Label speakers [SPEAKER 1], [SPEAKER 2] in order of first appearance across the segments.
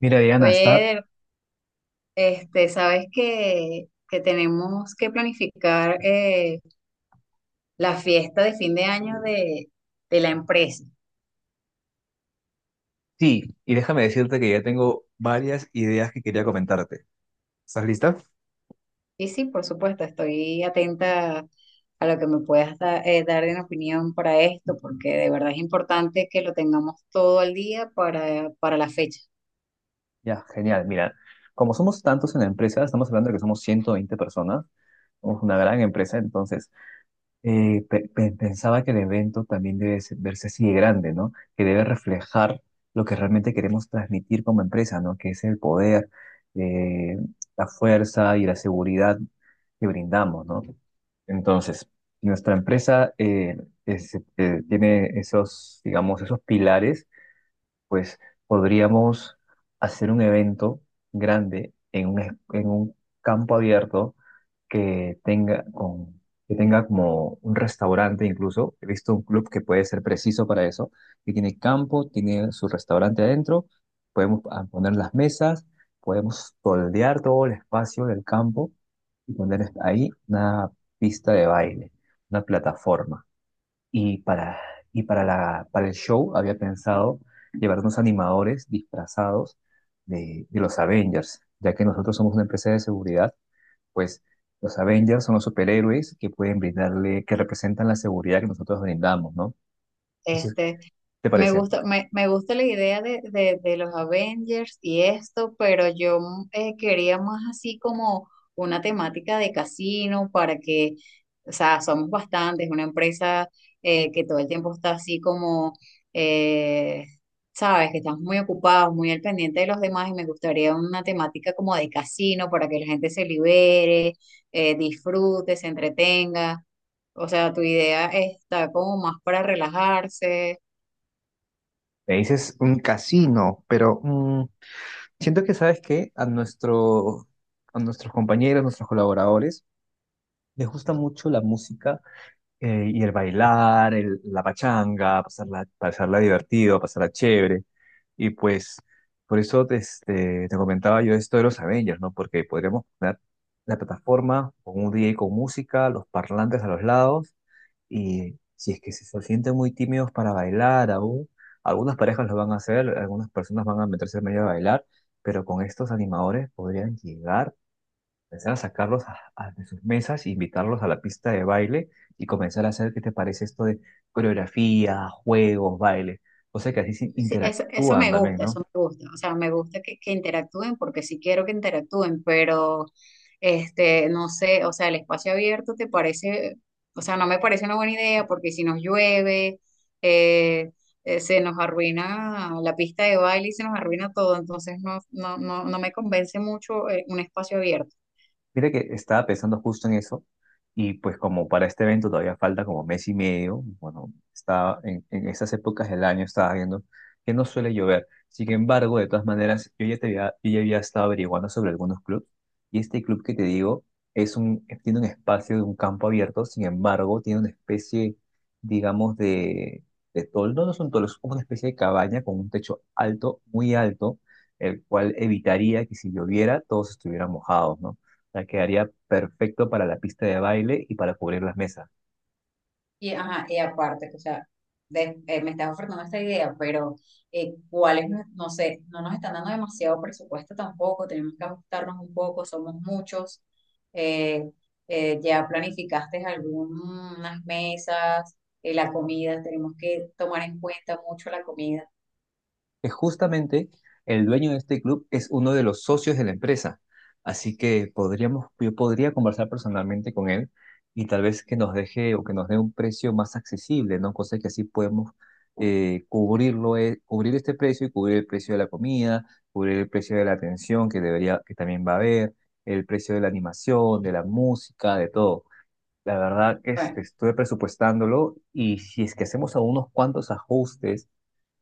[SPEAKER 1] Mira, Diana, está...
[SPEAKER 2] Oye, este, sabes que tenemos que planificar la fiesta de fin de año de la empresa.
[SPEAKER 1] Sí, y déjame decirte que ya tengo varias ideas que quería comentarte.
[SPEAKER 2] Y sí, por supuesto, estoy atenta a lo que me puedas dar en opinión para esto, porque de verdad es importante que lo tengamos todo al día para la fecha.
[SPEAKER 1] Ya, genial. Mira, como somos tantos en la empresa, estamos hablando de que somos 120 personas, somos una gran empresa, entonces pensaba que el evento también debe verse así de grande, ¿no? Que debe reflejar lo que realmente queremos transmitir como empresa, ¿no? Que es el poder, eh, la fuerza y la seguridad que brindamos, ¿no? Entonces, nuestra empresa tiene esos, digamos, esos pilares, pues podríamos hacer un evento grande en un, en un campo abierto que tenga, que tenga como un restaurante incluso. He visto un club que puede ser preciso para eso, que tiene campo, tiene su restaurante adentro, podemos poner las mesas, podemos toldear todo el espacio del campo y poner ahí una pista de baile, una plataforma. Y para, y para para el show había pensado llevar unos animadores disfrazados de los Avengers, ya que nosotros somos una empresa de seguridad pues los Avengers son los superhéroes que pueden brindarle, que representan la seguridad que nosotros brindamos, ¿no? Entonces,
[SPEAKER 2] Este,
[SPEAKER 1] ¿te
[SPEAKER 2] me
[SPEAKER 1] parece?
[SPEAKER 2] gusta, me gusta la idea de los Avengers y esto, pero yo quería más así como una temática de casino para que, o sea, somos bastantes, una empresa que todo el tiempo está así como, eh, sabes, que estamos muy ocupados, muy al pendiente de los demás y me gustaría una temática como de casino para que la gente se libere, disfrute, se entretenga. O sea, tu idea está como más para relajarse.
[SPEAKER 1] Me dices un casino, pero siento que, ¿sabes qué? A nuestros compañeros, nuestros colaboradores, les gusta mucho la música y el bailar, la pachanga, pasarla divertido, pasarla chévere. Y pues por eso te comentaba yo esto de los Avengers, ¿no? Porque podríamos poner la plataforma con un DJ con música, los parlantes a los lados, y si es que se sienten muy tímidos para bailar aún, algunas parejas lo van a hacer, algunas personas van a meterse en medio a bailar, pero con estos animadores podrían llegar. Empezar a sacarlos de sus mesas, invitarlos a la pista de baile y comenzar a hacer, ¿qué te parece esto de coreografía, juegos, baile? O sea que así se
[SPEAKER 2] Sí, eso
[SPEAKER 1] interactúan
[SPEAKER 2] me
[SPEAKER 1] también,
[SPEAKER 2] gusta,
[SPEAKER 1] ¿no?
[SPEAKER 2] eso me gusta. O sea, me gusta que interactúen porque sí quiero que interactúen, pero este, no sé, o sea, el espacio abierto te parece, o sea, no me parece una buena idea porque si nos llueve, eh, se nos arruina la pista de baile y se nos arruina todo. Entonces, no me convence mucho, un espacio abierto.
[SPEAKER 1] Mira que estaba pensando justo en eso y pues como para este evento todavía falta como mes y medio, bueno, estaba en esas épocas del año estaba viendo que no suele llover. Sin embargo, de todas maneras, yo ya había estado averiguando sobre algunos clubes y este club que te digo es un, tiene un espacio de un campo abierto, sin embargo, tiene una especie, digamos, de, de toldo, no son toldos, es como una especie de cabaña con un techo alto, muy alto, el cual evitaría que si lloviera todos estuvieran mojados, ¿no? Sea, quedaría perfecto para la pista de baile y para cubrir las mesas.
[SPEAKER 2] Y, ajá, y aparte, o sea, me estás ofertando esta idea, pero ¿cuál es? No sé, no nos están dando demasiado presupuesto tampoco, tenemos que ajustarnos un poco, somos muchos. Eh, ¿Ya planificaste algunas mesas, la comida? Tenemos que tomar en cuenta mucho la comida.
[SPEAKER 1] Es justamente el dueño de este club es uno de los socios de la empresa, así que podríamos, yo podría conversar personalmente con él y tal vez que nos deje o que nos dé un precio más accesible, ¿no? Cosa que así podemos cubrirlo, cubrir este precio y cubrir el precio de la comida, cubrir el precio de la atención que debería, que también va a haber, el precio de la animación, de la música, de todo. La verdad,
[SPEAKER 2] Bueno,
[SPEAKER 1] estuve presupuestándolo y si es que hacemos algunos cuantos ajustes,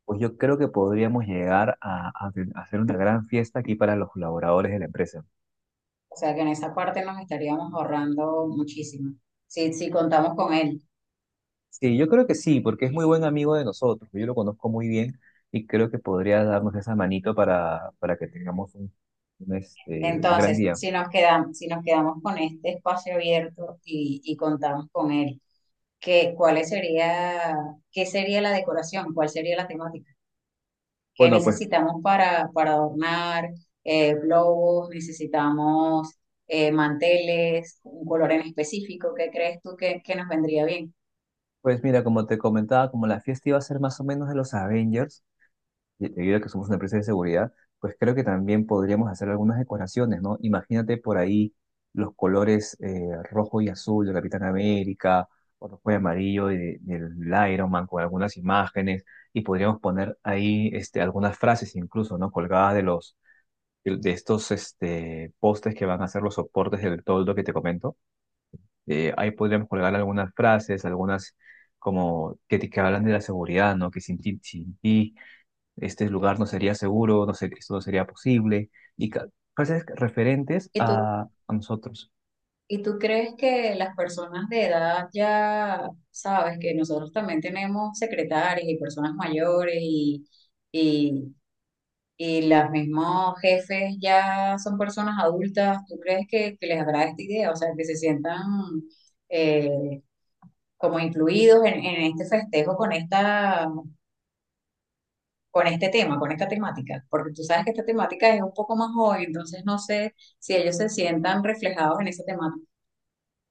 [SPEAKER 1] pues yo creo que podríamos llegar a hacer una gran fiesta aquí para los colaboradores de la empresa.
[SPEAKER 2] o sea que en esa parte nos estaríamos ahorrando muchísimo, si contamos con él.
[SPEAKER 1] Sí, yo creo que sí, porque es muy buen amigo de nosotros, yo lo conozco muy bien y creo que podría darnos esa manito para que tengamos un, un gran
[SPEAKER 2] Entonces,
[SPEAKER 1] día.
[SPEAKER 2] si nos quedamos, si nos quedamos con este espacio abierto y contamos con él, ¿cuál sería, qué sería la decoración? ¿Cuál sería la temática? ¿Qué
[SPEAKER 1] Bueno, pues,
[SPEAKER 2] necesitamos para adornar? Globos, necesitamos manteles, un color en específico. ¿Qué crees tú que nos vendría bien?
[SPEAKER 1] pues mira, como te comentaba, como la fiesta iba a ser más o menos de los Avengers, debido a que somos una empresa de seguridad, pues creo que también podríamos hacer algunas decoraciones, ¿no? Imagínate por ahí los colores rojo y azul de Capitán América, o rojo y amarillo del Iron Man con algunas imágenes, y podríamos poner ahí algunas frases incluso, ¿no? Colgadas de los... de estos postes que van a ser los soportes del toldo que te comento. Ahí podríamos colgar algunas frases, algunas como que, que hablan de la seguridad, ¿no? Que sin ti, sin ti este lugar no sería seguro, no sé, esto no sería posible, y ca- frases referentes
[SPEAKER 2] ¿Y tú,
[SPEAKER 1] a nosotros.
[SPEAKER 2] ¿Y tú crees que las personas de edad ya, sabes, que nosotros también tenemos secretarias y personas mayores y y los mismos jefes ya son personas adultas? ¿Tú crees que les agrada esta idea? O sea, que se sientan eh, como incluidos en este festejo con esta, con este tema, con esta temática. Porque tú sabes que esta temática es un poco más joven, entonces no sé si ellos se sientan reflejados en esa temática.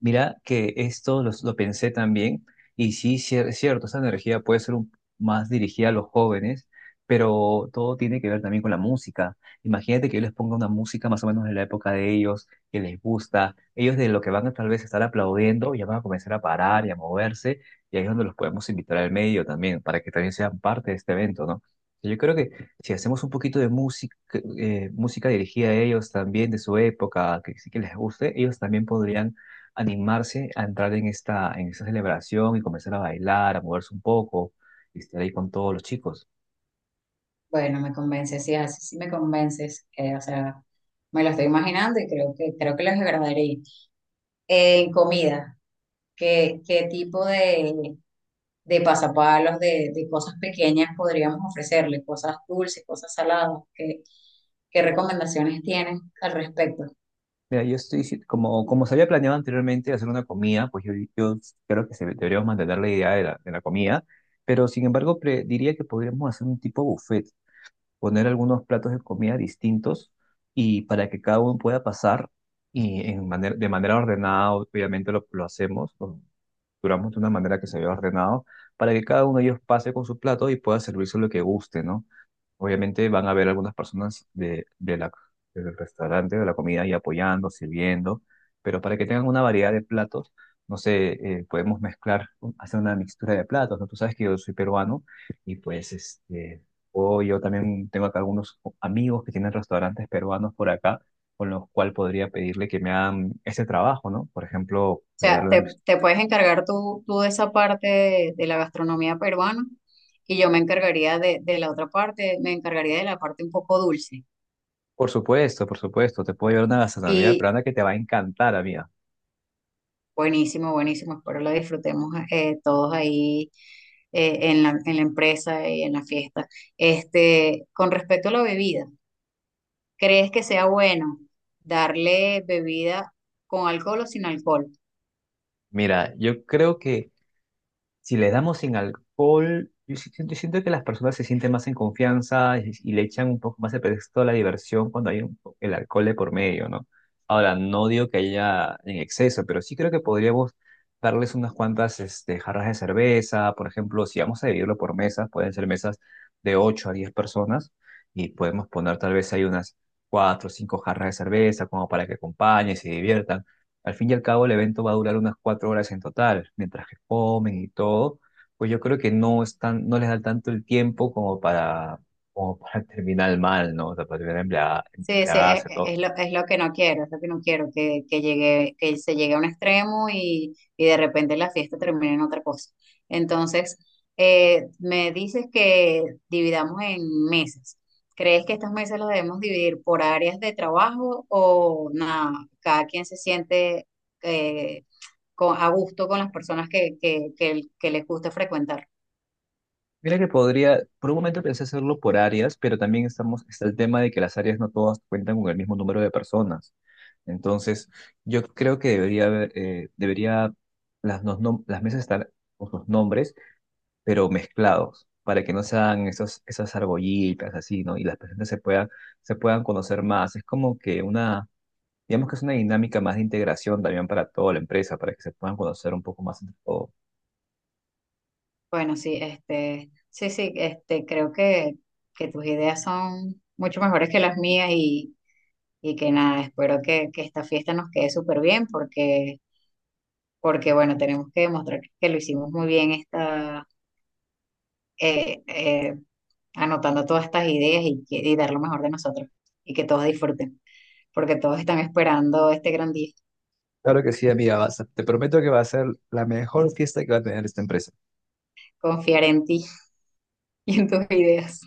[SPEAKER 1] Mira que esto pensé también, y sí, es cierto, esa energía más dirigida a los jóvenes, pero todo tiene que ver también con la música. Imagínate que yo les ponga una música más o menos de la época de ellos, que les gusta, ellos de lo que van a tal vez estar aplaudiendo, ya van a comenzar a parar y a moverse, y ahí es donde los podemos invitar al medio también, para que también sean parte de este evento, ¿no? Yo creo que si hacemos un poquito de música, música dirigida a ellos también, de su época, que sí que les guste, ellos también podrían animarse a entrar en esta celebración y comenzar a bailar, a moverse un poco y estar ahí con todos los chicos.
[SPEAKER 2] Bueno, me convences, sí, así sí me convences. O sea, me lo estoy imaginando de pasapalos, de cosas pequeñas podríamos ofrecerle, cosas dulces, cosas saladas. ¿Qué recomendaciones tienes al respecto? O
[SPEAKER 1] Mira, yo estoy, si- como, como se había planeado anteriormente hacer una comida, pues yo creo que deberíamos mantener la idea de de la comida, pero sin embargo diría que podríamos hacer un tipo buffet, poner algunos platos de comida distintos y para que cada uno pueda pasar y en de manera ordenada, obviamente lo hacemos, duramos de una manera que se vea ordenado para que cada uno de ellos pase con su plato y pueda servirse lo que guste, ¿no? Obviamente van a haber algunas personas del restaurante, de la comida, y apoyando, sirviendo, pero para que tengan una variedad de platos, no sé, podemos mezclar, hacer una mixtura de platos, ¿no? Tú sabes que yo soy peruano y pues o yo también tengo acá algunos amigos que tienen restaurantes peruanos por acá con los cual podría pedirle que me hagan ese trabajo, ¿no? Por ejemplo, voy a
[SPEAKER 2] sea,
[SPEAKER 1] darle una.
[SPEAKER 2] te puedes encargar tú de esa parte de la gastronomía peruana y yo me encargaría de la otra parte, me encargaría de la parte un poco dulce.
[SPEAKER 1] Por supuesto, te puedo llevar una gastronomía
[SPEAKER 2] Y
[SPEAKER 1] peruana que te va a encantar, amiga.
[SPEAKER 2] buenísimo, buenísimo, espero la disfrutemos todos ahí en la empresa y en la fiesta. Este, con respecto a la bebida. ¿Crees que sea bueno darle bebida con alcohol o sin alcohol?
[SPEAKER 1] Mira, yo creo que si le damos sin alcohol, yo sí siento que las personas se sienten más en confianza y le echan un poco más el pretexto a la diversión cuando hay el alcohol de por medio, ¿no? Ahora, no digo que haya en exceso, pero sí creo que podríamos darles unas cuantas jarras de cerveza, por ejemplo, si vamos a dividirlo por mesas, pueden ser mesas de 8 a 10 personas y podemos poner tal vez ahí unas 4 o 5 jarras de cerveza como para que acompañen, se diviertan. Al fin y al cabo, el evento va a durar unas 4 horas en total, mientras que comen y todo, pues yo creo que no están, no les da tanto el tiempo como para, como para terminar mal, ¿no? O sea, para terminar
[SPEAKER 2] Sí, sí,
[SPEAKER 1] embriagarse, todo.
[SPEAKER 2] es lo que no quiero, es lo que no quiero, que llegue, que se llegue a un extremo y de repente la fiesta termine en otra cosa. Entonces, me dices que dividamos en mesas. ¿Crees que estas mesas las debemos dividir por áreas de trabajo o nada, cada quien se siente eh, a gusto con las personas que les gusta frecuentar?
[SPEAKER 1] Mira que podría, por un momento pensé hacerlo por áreas, pero también estamos, está el tema de que las áreas no todas cuentan con el mismo número de personas. Entonces, yo creo que debería haber, las mesas estar con sus nombres pero mezclados, para que no sean esos, esas argollitas así, ¿no? Y las personas se puedan conocer más. Es como que una, digamos que es una dinámica más de integración también para toda la empresa, para que se puedan conocer un poco más entre todos.
[SPEAKER 2] Bueno, sí, este, sí, sí, este, creo que tus ideas son mucho mejores que las mías y que nada, espero que esta fiesta nos quede súper bien porque, porque, bueno, tenemos que demostrar que lo hicimos muy bien esta, eh, eh, anotando todas estas ideas y dar lo mejor de nosotros y que todos disfruten, porque todos están esperando este gran día,
[SPEAKER 1] Claro que sí, amiga, te prometo que va a ser la mejor fiesta que va a tener esta empresa.
[SPEAKER 2] confiar en ti y en tus ideas.